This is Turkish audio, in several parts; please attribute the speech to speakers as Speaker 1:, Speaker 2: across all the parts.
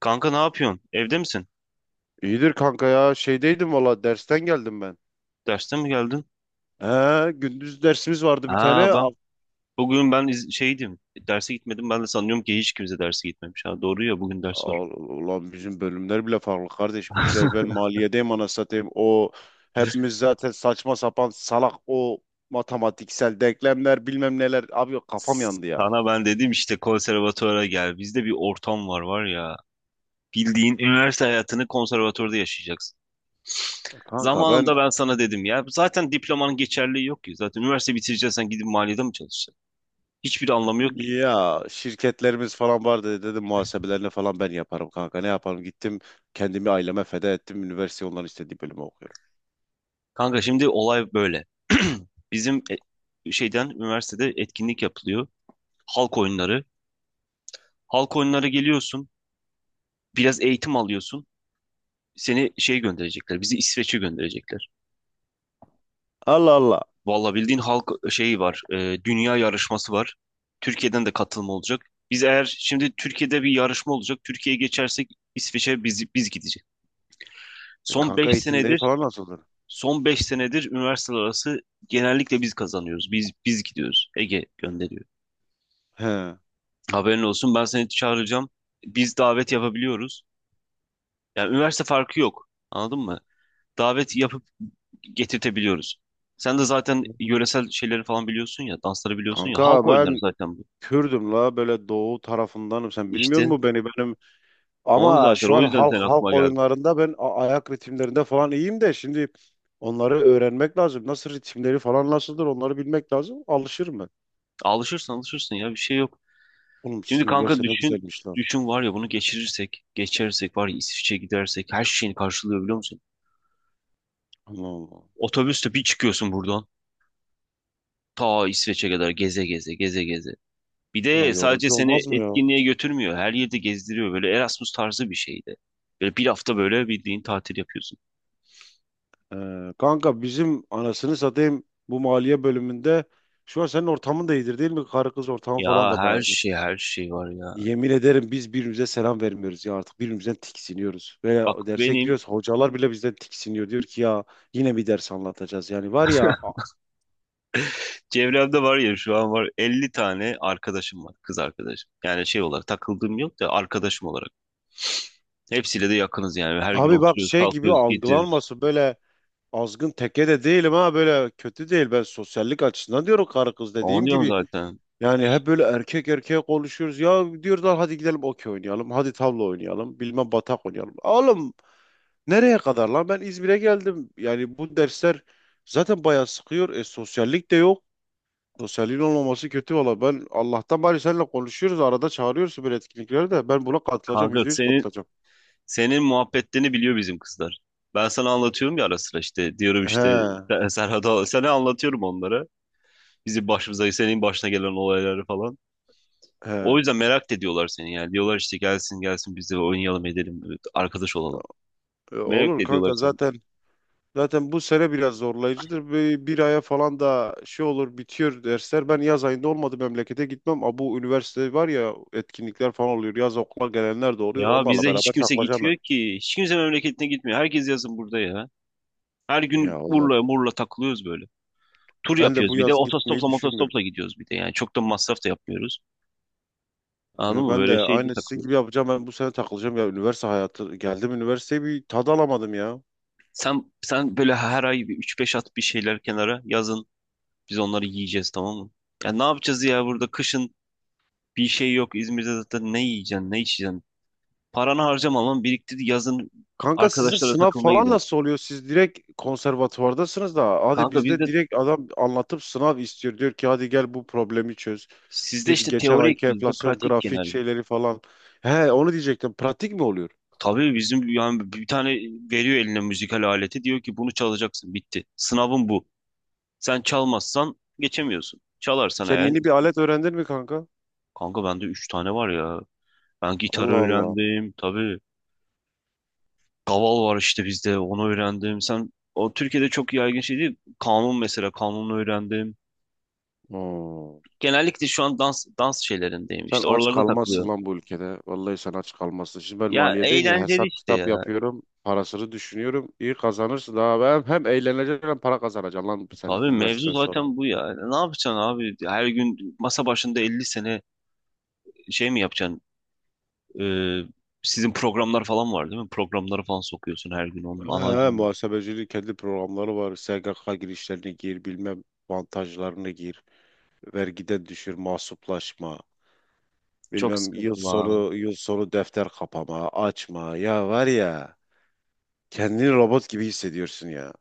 Speaker 1: Kanka ne yapıyorsun? Evde misin?
Speaker 2: İyidir kanka ya. Şeydeydim valla dersten geldim ben.
Speaker 1: Derste mi geldin?
Speaker 2: He, gündüz dersimiz vardı bir tane.
Speaker 1: Aa ben bugün şeydim. Derse gitmedim. Ben de sanıyorum ki hiç kimse derse gitmemiş. Ha doğru ya bugün ders var.
Speaker 2: Ulan bizim bölümler bile farklı kardeş. Bizde ben maliyedeyim ana satayım. O hepimiz zaten saçma sapan salak o matematiksel denklemler bilmem neler. Abi yok, kafam yandı ya.
Speaker 1: Sana ben dedim işte konservatuvara gel. Bizde bir ortam var var ya. Bildiğin üniversite hayatını konservatuvarda yaşayacaksın.
Speaker 2: E kanka ben
Speaker 1: Zamanında ben sana dedim ya. Zaten diplomanın geçerliği yok ki. Zaten üniversite bitireceksen gidip maliyede mi çalışacaksın? Hiçbir anlamı yok ki.
Speaker 2: ya şirketlerimiz falan vardı dedim muhasebelerini falan ben yaparım kanka. Ne yaparım gittim kendimi aileme feda ettim. Üniversite onların istediği bölümü okuyorum.
Speaker 1: Kanka şimdi olay böyle. Bizim şeyden üniversitede etkinlik yapılıyor. Halk oyunları. Halk oyunları geliyorsun, biraz eğitim alıyorsun. Seni şey gönderecekler, bizi İsveç'e gönderecekler.
Speaker 2: Allah Allah.
Speaker 1: Valla bildiğin halk şeyi var, dünya yarışması var. Türkiye'den de katılım olacak. Biz eğer şimdi Türkiye'de bir yarışma olacak, Türkiye'ye geçersek İsveç'e biz gidecek.
Speaker 2: E,
Speaker 1: Son
Speaker 2: kanka
Speaker 1: 5
Speaker 2: eğitimleri
Speaker 1: senedir,
Speaker 2: falan nasıldı?
Speaker 1: son 5 senedir üniversiteler arası genellikle biz kazanıyoruz. Biz gidiyoruz. Ege gönderiyor.
Speaker 2: He.
Speaker 1: Haberin olsun ben seni çağıracağım. Biz davet yapabiliyoruz. Yani üniversite farkı yok. Anladın mı? Davet yapıp getirtebiliyoruz. Sen de zaten yöresel şeyleri falan biliyorsun ya, dansları biliyorsun ya.
Speaker 2: Kanka
Speaker 1: Halk oyunları
Speaker 2: ben
Speaker 1: zaten bu.
Speaker 2: Kürdüm la böyle doğu tarafındanım. Sen bilmiyor
Speaker 1: İşte
Speaker 2: musun beni benim?
Speaker 1: onu
Speaker 2: Ama şu
Speaker 1: zaten o
Speaker 2: an
Speaker 1: yüzden
Speaker 2: halk
Speaker 1: senin
Speaker 2: halk
Speaker 1: aklıma geldi.
Speaker 2: oyunlarında ben ayak ritimlerinde falan iyiyim de şimdi onları öğrenmek lazım. Nasıl ritimleri falan nasıldır onları bilmek lazım. Alışırım ben.
Speaker 1: Alışırsan alışırsın ya bir şey yok.
Speaker 2: Oğlum
Speaker 1: Şimdi
Speaker 2: sizin
Speaker 1: kanka
Speaker 2: üniversite ne
Speaker 1: düşün
Speaker 2: güzelmiş lan.
Speaker 1: düşün var ya bunu geçirirsek, geçersek var ya İsviçre'ye gidersek her şeyini karşılıyor biliyor musun?
Speaker 2: Allah Allah.
Speaker 1: Otobüste bir çıkıyorsun buradan ta İsveç'e kadar geze geze geze geze. Bir
Speaker 2: Ulan
Speaker 1: de sadece
Speaker 2: yorucu
Speaker 1: seni
Speaker 2: olmaz mı ya?
Speaker 1: etkinliğe götürmüyor. Her yerde gezdiriyor böyle Erasmus tarzı bir şeydi. Böyle bir hafta böyle bildiğin tatil yapıyorsun.
Speaker 2: Kanka bizim anasını satayım bu maliye bölümünde şu an senin ortamın da iyidir değil mi? Karı kız ortamı falan
Speaker 1: Ya
Speaker 2: da
Speaker 1: her
Speaker 2: bayağı.
Speaker 1: şey her şey var ya.
Speaker 2: Yemin ederim biz birbirimize selam vermiyoruz ya artık birbirimizden tiksiniyoruz. Ve
Speaker 1: Bak
Speaker 2: o derse
Speaker 1: benim
Speaker 2: giriyoruz hocalar bile bizden tiksiniyor. Diyor ki ya yine bir ders anlatacağız. Yani var ya
Speaker 1: çevremde var ya şu an var 50 tane arkadaşım var kız arkadaşım. Yani şey olarak takıldığım yok da arkadaşım olarak. Hepsiyle de yakınız yani. Her gün
Speaker 2: abi bak
Speaker 1: oturuyoruz,
Speaker 2: şey gibi
Speaker 1: kalkıyoruz, gidiyoruz.
Speaker 2: algılanması böyle azgın teke de değilim ha böyle kötü değil. Ben sosyallik açısından diyorum karı kız dediğim
Speaker 1: Anlıyorum
Speaker 2: gibi.
Speaker 1: zaten.
Speaker 2: Yani hep böyle erkek erkeğe konuşuyoruz. Ya diyorlar hadi gidelim okey oynayalım. Hadi tavla oynayalım. Bilmem batak oynayalım. Oğlum nereye kadar lan ben İzmir'e geldim. Yani bu dersler zaten bayağı sıkıyor. E sosyallik de yok. Sosyalliğin olmaması kötü valla. Ben Allah'tan bari seninle konuşuyoruz. Arada çağırıyorsun böyle etkinliklere de. Ben buna katılacağım.
Speaker 1: Kanka
Speaker 2: Yüzde yüz
Speaker 1: senin
Speaker 2: katılacağım.
Speaker 1: senin muhabbetlerini biliyor bizim kızlar. Ben sana anlatıyorum ya ara sıra işte diyorum işte
Speaker 2: He.
Speaker 1: Serhat'a sana anlatıyorum onlara. Bizim başımıza senin başına gelen olayları falan. O
Speaker 2: He.
Speaker 1: yüzden merak da ediyorlar seni yani. Diyorlar işte gelsin gelsin biz de oynayalım edelim evet, arkadaş olalım.
Speaker 2: E,
Speaker 1: Merak da
Speaker 2: olur
Speaker 1: ediyorlar
Speaker 2: kanka
Speaker 1: seni.
Speaker 2: zaten. Zaten bu sene biraz zorlayıcıdır. Bir aya falan da şey olur bitiyor dersler. Ben yaz ayında olmadı memlekete gitmem. Ama bu üniversite var ya etkinlikler falan oluyor. Yaz okula gelenler de oluyor.
Speaker 1: Ya
Speaker 2: Onlarla
Speaker 1: bizde hiç
Speaker 2: beraber
Speaker 1: kimse
Speaker 2: takılacağım ben.
Speaker 1: gitmiyor ki. Hiç kimse memleketine gitmiyor. Herkes yazın burada ya. Her
Speaker 2: Ya
Speaker 1: gün
Speaker 2: Allah.
Speaker 1: Urla Murla takılıyoruz böyle. Tur
Speaker 2: Ben de
Speaker 1: yapıyoruz
Speaker 2: bu
Speaker 1: bir de.
Speaker 2: yaz gitmeyi
Speaker 1: Otostopla
Speaker 2: düşünmüyorum.
Speaker 1: motostopla gidiyoruz bir de. Yani çok da masraf da yapmıyoruz. Anladın
Speaker 2: Ya
Speaker 1: mı?
Speaker 2: ben
Speaker 1: Böyle
Speaker 2: de
Speaker 1: şeyde
Speaker 2: aynı sizin gibi
Speaker 1: takılıyoruz.
Speaker 2: yapacağım. Ben bu sene takılacağım ya üniversite hayatı. Geldim üniversiteye bir tad alamadım ya.
Speaker 1: Sen böyle her ay bir 3-5 at bir şeyler kenara yazın. Biz onları yiyeceğiz tamam mı? Ya ne yapacağız ya burada kışın bir şey yok. İzmir'de zaten ne yiyeceksin, ne içeceksin? Paranı harcamamam biriktir yazın
Speaker 2: Kanka sizin
Speaker 1: arkadaşlara
Speaker 2: sınav
Speaker 1: takılmaya
Speaker 2: falan
Speaker 1: gidelim.
Speaker 2: nasıl oluyor? Siz direkt konservatuvardasınız da hadi
Speaker 1: Kanka
Speaker 2: bizde
Speaker 1: bizde
Speaker 2: direkt adam anlatıp sınav istiyor. Diyor ki hadi gel bu problemi çöz.
Speaker 1: sizde
Speaker 2: Git
Speaker 1: işte
Speaker 2: geçen
Speaker 1: teorik
Speaker 2: ayki
Speaker 1: bizde
Speaker 2: enflasyon
Speaker 1: pratik
Speaker 2: grafik
Speaker 1: genel.
Speaker 2: şeyleri falan. He onu diyecektim. Pratik mi oluyor?
Speaker 1: Tabii bizim yani bir tane veriyor eline müzikal aleti diyor ki bunu çalacaksın bitti. Sınavın bu. Sen çalmazsan geçemiyorsun. Çalarsan
Speaker 2: Sen
Speaker 1: eğer
Speaker 2: yeni bir alet öğrendin mi kanka?
Speaker 1: kanka bende üç tane var ya. Ben gitar
Speaker 2: Allah Allah.
Speaker 1: öğrendim tabii. Kaval var işte bizde onu öğrendim. Sen o Türkiye'de çok yaygın şey değil. Kanun mesela kanunu öğrendim.
Speaker 2: Oo.
Speaker 1: Genellikle şu an dans şeylerindeyim.
Speaker 2: Sen
Speaker 1: İşte
Speaker 2: aç
Speaker 1: oralarda
Speaker 2: kalmazsın
Speaker 1: takılıyorum.
Speaker 2: lan bu ülkede. Vallahi sen aç kalmazsın. Şimdi ben
Speaker 1: Ya
Speaker 2: maliyedeyim ya
Speaker 1: eğlenceli
Speaker 2: hesap
Speaker 1: işte
Speaker 2: kitap
Speaker 1: ya.
Speaker 2: yapıyorum. Parasını düşünüyorum. İyi kazanırsın. Daha ben hem eğleneceksin hem para kazanacaksın lan sen
Speaker 1: Tabii mevzu
Speaker 2: üniversiteden sonra.
Speaker 1: zaten bu ya. Ne yapacaksın abi? Her gün masa başında 50 sene şey mi yapacaksın? Ee, sizin programlar falan var değil mi? Programları falan sokuyorsun her gün onun
Speaker 2: He,
Speaker 1: analizini.
Speaker 2: muhasebecinin kendi programları var. SGK girişlerini gir, bilmem avantajlarını gir, vergiden düşür, mahsuplaşma,
Speaker 1: Çok
Speaker 2: bilmem yıl
Speaker 1: sıkıntı lan.
Speaker 2: sonu yıl sonu defter kapama, açma. Ya var ya, kendini robot gibi hissediyorsun ya.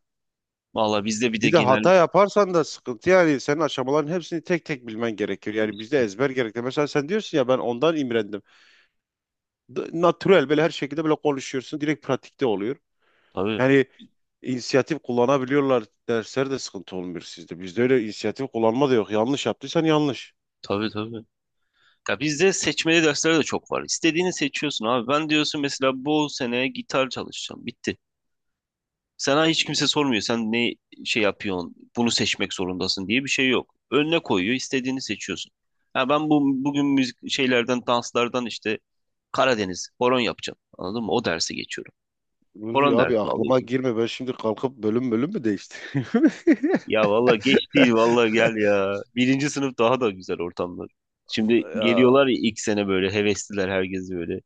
Speaker 1: Valla bizde bir de
Speaker 2: Bir de
Speaker 1: genel...
Speaker 2: hata yaparsan da sıkıntı yani senin aşamaların hepsini tek tek bilmen gerekiyor. Yani bizde ezber gerekli. Mesela sen diyorsun ya ben ondan imrendim. Natürel böyle her şekilde böyle konuşuyorsun. Direkt pratikte oluyor.
Speaker 1: Tabii
Speaker 2: Yani inisiyatif kullanabiliyorlar. Dersler de sıkıntı olmuyor sizde. Bizde öyle inisiyatif kullanma da yok. Yanlış yaptıysan yanlış.
Speaker 1: tabii tabii. Ya bizde seçmeli dersler de çok var. İstediğini seçiyorsun abi. Ben diyorsun mesela bu sene gitar çalışacağım. Bitti. Sana hiç kimse sormuyor. Sen ne şey yapıyorsun? Bunu seçmek zorundasın diye bir şey yok. Önüne koyuyor, istediğini seçiyorsun. Ha ben bu bugün müzik şeylerden, danslardan işte Karadeniz, horon yapacağım. Anladın mı? O dersi geçiyorum.
Speaker 2: Ruzi
Speaker 1: Horon
Speaker 2: abi
Speaker 1: dersini
Speaker 2: aklıma
Speaker 1: alıyorsun.
Speaker 2: girme. Ben şimdi kalkıp bölüm bölüm mü değiştireyim?
Speaker 1: Ya valla geç değil valla gel ya. Birinci sınıf daha da güzel ortamlar. Şimdi
Speaker 2: Ya,
Speaker 1: geliyorlar ya ilk sene böyle hevesliler herkes böyle.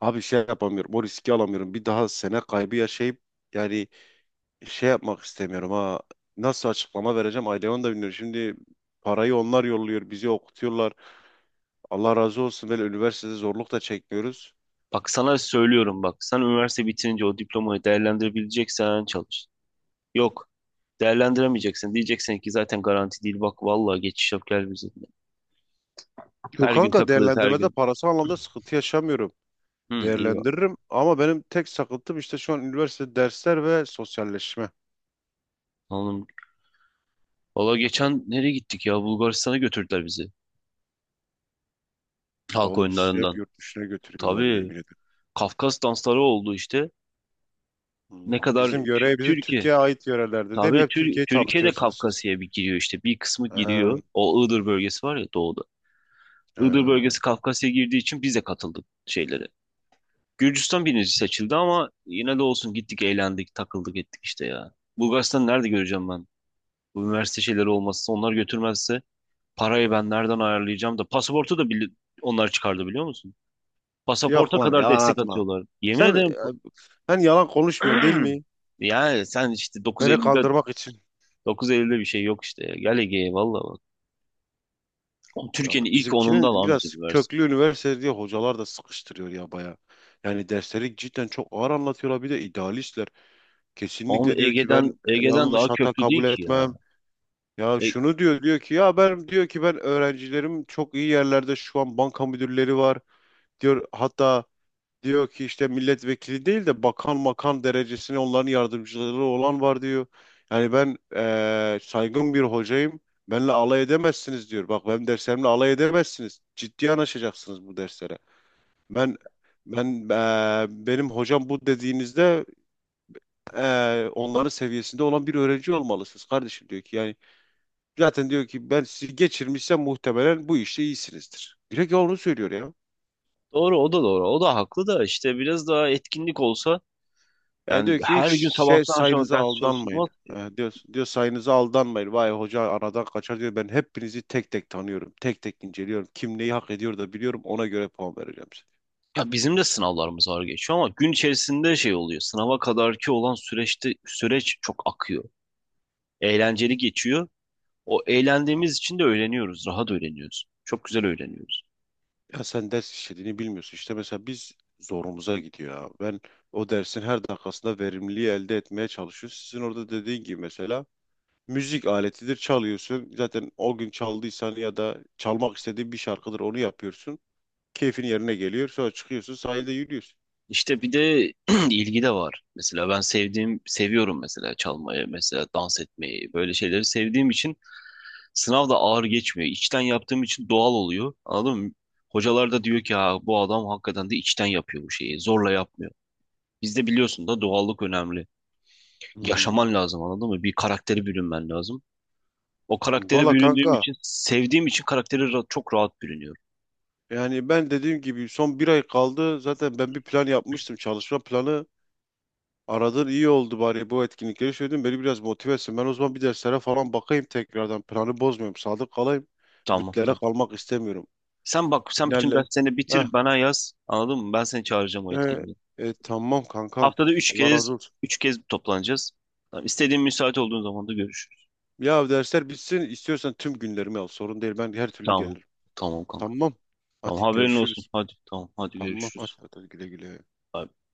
Speaker 2: abi şey yapamıyorum. O riski alamıyorum. Bir daha sene kaybı yaşayıp yani şey yapmak istemiyorum ha. Nasıl açıklama vereceğim aileme onu da bilmiyorum. Şimdi parayı onlar yolluyor. Bizi okutuyorlar. Allah razı olsun. Böyle üniversitede zorluk da çekmiyoruz.
Speaker 1: Bak sana söylüyorum bak. Sen üniversite bitirince o diplomayı değerlendirebileceksen çalış. Yok değerlendiremeyeceksin. Diyeceksin ki zaten garanti değil. Bak valla geçiş yap gel bize.
Speaker 2: Yok
Speaker 1: Her gün
Speaker 2: kanka
Speaker 1: takılırız her
Speaker 2: değerlendirmede
Speaker 1: gün.
Speaker 2: parası anlamda sıkıntı yaşamıyorum.
Speaker 1: Hı, iyi var.
Speaker 2: Değerlendiririm. Ama benim tek sakıntım işte şu an üniversite dersler ve sosyalleşme.
Speaker 1: Anladım. Valla geçen nereye gittik ya? Bulgaristan'a götürdüler bizi. Halk
Speaker 2: Oğlum sizi hep
Speaker 1: oyunlarından.
Speaker 2: yurt dışına götürüyorlar
Speaker 1: Tabii
Speaker 2: yemin ederim.
Speaker 1: Kafkas dansları oldu işte. Ne
Speaker 2: Hmm,
Speaker 1: kadar
Speaker 2: bizim
Speaker 1: Tü-
Speaker 2: görev bizim
Speaker 1: Türkiye.
Speaker 2: Türkiye'ye ait yörelerde değil mi?
Speaker 1: Tabii
Speaker 2: Hep
Speaker 1: Tür
Speaker 2: Türkiye'yi
Speaker 1: Türkiye de
Speaker 2: tanıtıyorsunuz siz.
Speaker 1: Kafkasya'ya bir giriyor işte. Bir kısmı
Speaker 2: Ee,
Speaker 1: giriyor. O Iğdır bölgesi var ya doğuda. Iğdır
Speaker 2: ee,
Speaker 1: bölgesi Kafkasya'ya girdiği için biz de katıldık şeylere. Gürcistan birinci seçildi ama yine de olsun gittik eğlendik takıldık ettik işte ya. Bulgaristan'ı nerede göreceğim ben? Bu üniversite şeyleri olmazsa onlar götürmezse parayı ben nereden ayarlayacağım da pasaportu da onlar çıkardı biliyor musun?
Speaker 2: Yok
Speaker 1: Pasaporta
Speaker 2: lan
Speaker 1: kadar
Speaker 2: yalan
Speaker 1: destek
Speaker 2: atma.
Speaker 1: atıyorlar. Yemin
Speaker 2: Sen
Speaker 1: ederim.
Speaker 2: ben yalan konuşmuyorsun değil mi?
Speaker 1: Yani sen işte dokuz
Speaker 2: Beni
Speaker 1: Eylül'de
Speaker 2: kandırmak için.
Speaker 1: dokuz 9.50'de bir şey yok işte. Ya. Gel Ege'ye valla bak.
Speaker 2: Ya
Speaker 1: Türkiye'nin
Speaker 2: bak,
Speaker 1: ilk
Speaker 2: bizimkinin
Speaker 1: onunda lan amca
Speaker 2: biraz
Speaker 1: bir versin.
Speaker 2: köklü üniversite diye hocalar da sıkıştırıyor ya baya. Yani dersleri cidden çok ağır anlatıyorlar. Bir de idealistler.
Speaker 1: Ama
Speaker 2: Kesinlikle diyor ki
Speaker 1: Ege'den
Speaker 2: ben
Speaker 1: Ege'den
Speaker 2: yanlış
Speaker 1: daha
Speaker 2: hata
Speaker 1: köklü değil
Speaker 2: kabul
Speaker 1: ki ya.
Speaker 2: etmem. Ya
Speaker 1: E,
Speaker 2: şunu diyor diyor ki ya ben diyor ki ben öğrencilerim çok iyi yerlerde şu an banka müdürleri var. Diyor hatta diyor ki işte milletvekili değil de bakan makan derecesine onların yardımcıları olan var diyor. Yani ben saygın bir hocayım. Benle alay edemezsiniz diyor. Bak benim derslerimle alay edemezsiniz. Ciddi yanaşacaksınız bu derslere. Ben ben benim hocam bu dediğinizde onların seviyesinde olan bir öğrenci olmalısınız kardeşim diyor ki yani zaten diyor ki ben sizi geçirmişsem muhtemelen bu işte iyisinizdir. Direkt onu söylüyor ya.
Speaker 1: doğru o da doğru. O da haklı da işte biraz daha etkinlik olsa
Speaker 2: Yani
Speaker 1: yani
Speaker 2: diyor ki hiç
Speaker 1: her gün
Speaker 2: şey
Speaker 1: sabahtan akşama
Speaker 2: sayınıza
Speaker 1: ders
Speaker 2: aldanmayın.
Speaker 1: çalışılmaz.
Speaker 2: Diyor, diyor sayınıza aldanmayın. Vay hoca aradan kaçar diyor. Ben hepinizi tek tek tanıyorum. Tek tek inceliyorum. Kim neyi hak ediyor da biliyorum. Ona göre puan vereceğim.
Speaker 1: Ya bizim de sınavlarımız ağır geçiyor ama gün içerisinde şey oluyor. Sınava kadarki olan süreçte süreç çok akıyor. Eğlenceli geçiyor. O eğlendiğimiz için de öğreniyoruz. Rahat öğreniyoruz. Çok güzel öğreniyoruz.
Speaker 2: Ya sen ders işlediğini bilmiyorsun. İşte mesela biz zorumuza gidiyor ya. Ben o dersin her dakikasında verimliliği elde etmeye çalışıyorum. Sizin orada dediğin gibi mesela müzik aletidir çalıyorsun. Zaten o gün çaldıysan ya da çalmak istediğin bir şarkıdır onu yapıyorsun. Keyfin yerine geliyor. Sonra çıkıyorsun sahilde yürüyorsun.
Speaker 1: İşte bir de ilgi de var. Mesela ben sevdiğim, seviyorum mesela çalmayı, mesela dans etmeyi, böyle şeyleri sevdiğim için sınav da ağır geçmiyor. İçten yaptığım için doğal oluyor. Anladın mı? Hocalar da diyor ki ha, bu adam hakikaten de içten yapıyor bu şeyi. Zorla yapmıyor. Bizde biliyorsun da doğallık önemli. Yaşaman
Speaker 2: Hmm.
Speaker 1: lazım anladın mı? Bir karaktere bürünmen lazım. O karaktere
Speaker 2: Valla
Speaker 1: büründüğüm
Speaker 2: kanka
Speaker 1: için, sevdiğim için karakteri çok rahat bürünüyorum.
Speaker 2: yani ben dediğim gibi son bir ay kaldı. Zaten ben bir plan yapmıştım. Çalışma planı aradın iyi oldu bari bu etkinlikleri söyledin. Beni biraz motive etsin. Ben o zaman bir derslere falan bakayım tekrardan. Planı bozmuyorum. Sadık kalayım.
Speaker 1: Tamam
Speaker 2: Bütlere
Speaker 1: tamam.
Speaker 2: kalmak istemiyorum.
Speaker 1: Sen bak sen bütün
Speaker 2: Finalle.
Speaker 1: derslerini
Speaker 2: Eh,
Speaker 1: bitir bana yaz. Anladın mı? Ben seni çağıracağım o
Speaker 2: eh,
Speaker 1: etkinliğe.
Speaker 2: tamam kankam.
Speaker 1: Haftada üç
Speaker 2: Allah
Speaker 1: kez
Speaker 2: razı olsun.
Speaker 1: üç kez toplanacağız. Tamam, istediğin müsait olduğun zaman da görüşürüz.
Speaker 2: Ya dersler bitsin. İstiyorsan tüm günlerimi al. Sorun değil. Ben her türlü
Speaker 1: Tamam.
Speaker 2: gelirim.
Speaker 1: Tamam kanka.
Speaker 2: Tamam.
Speaker 1: Tamam
Speaker 2: Hadi
Speaker 1: haberin olsun.
Speaker 2: görüşürüz.
Speaker 1: Hadi tamam hadi
Speaker 2: Tamam. Hadi,
Speaker 1: görüşürüz.
Speaker 2: hadi güle güle.
Speaker 1: Bay bay.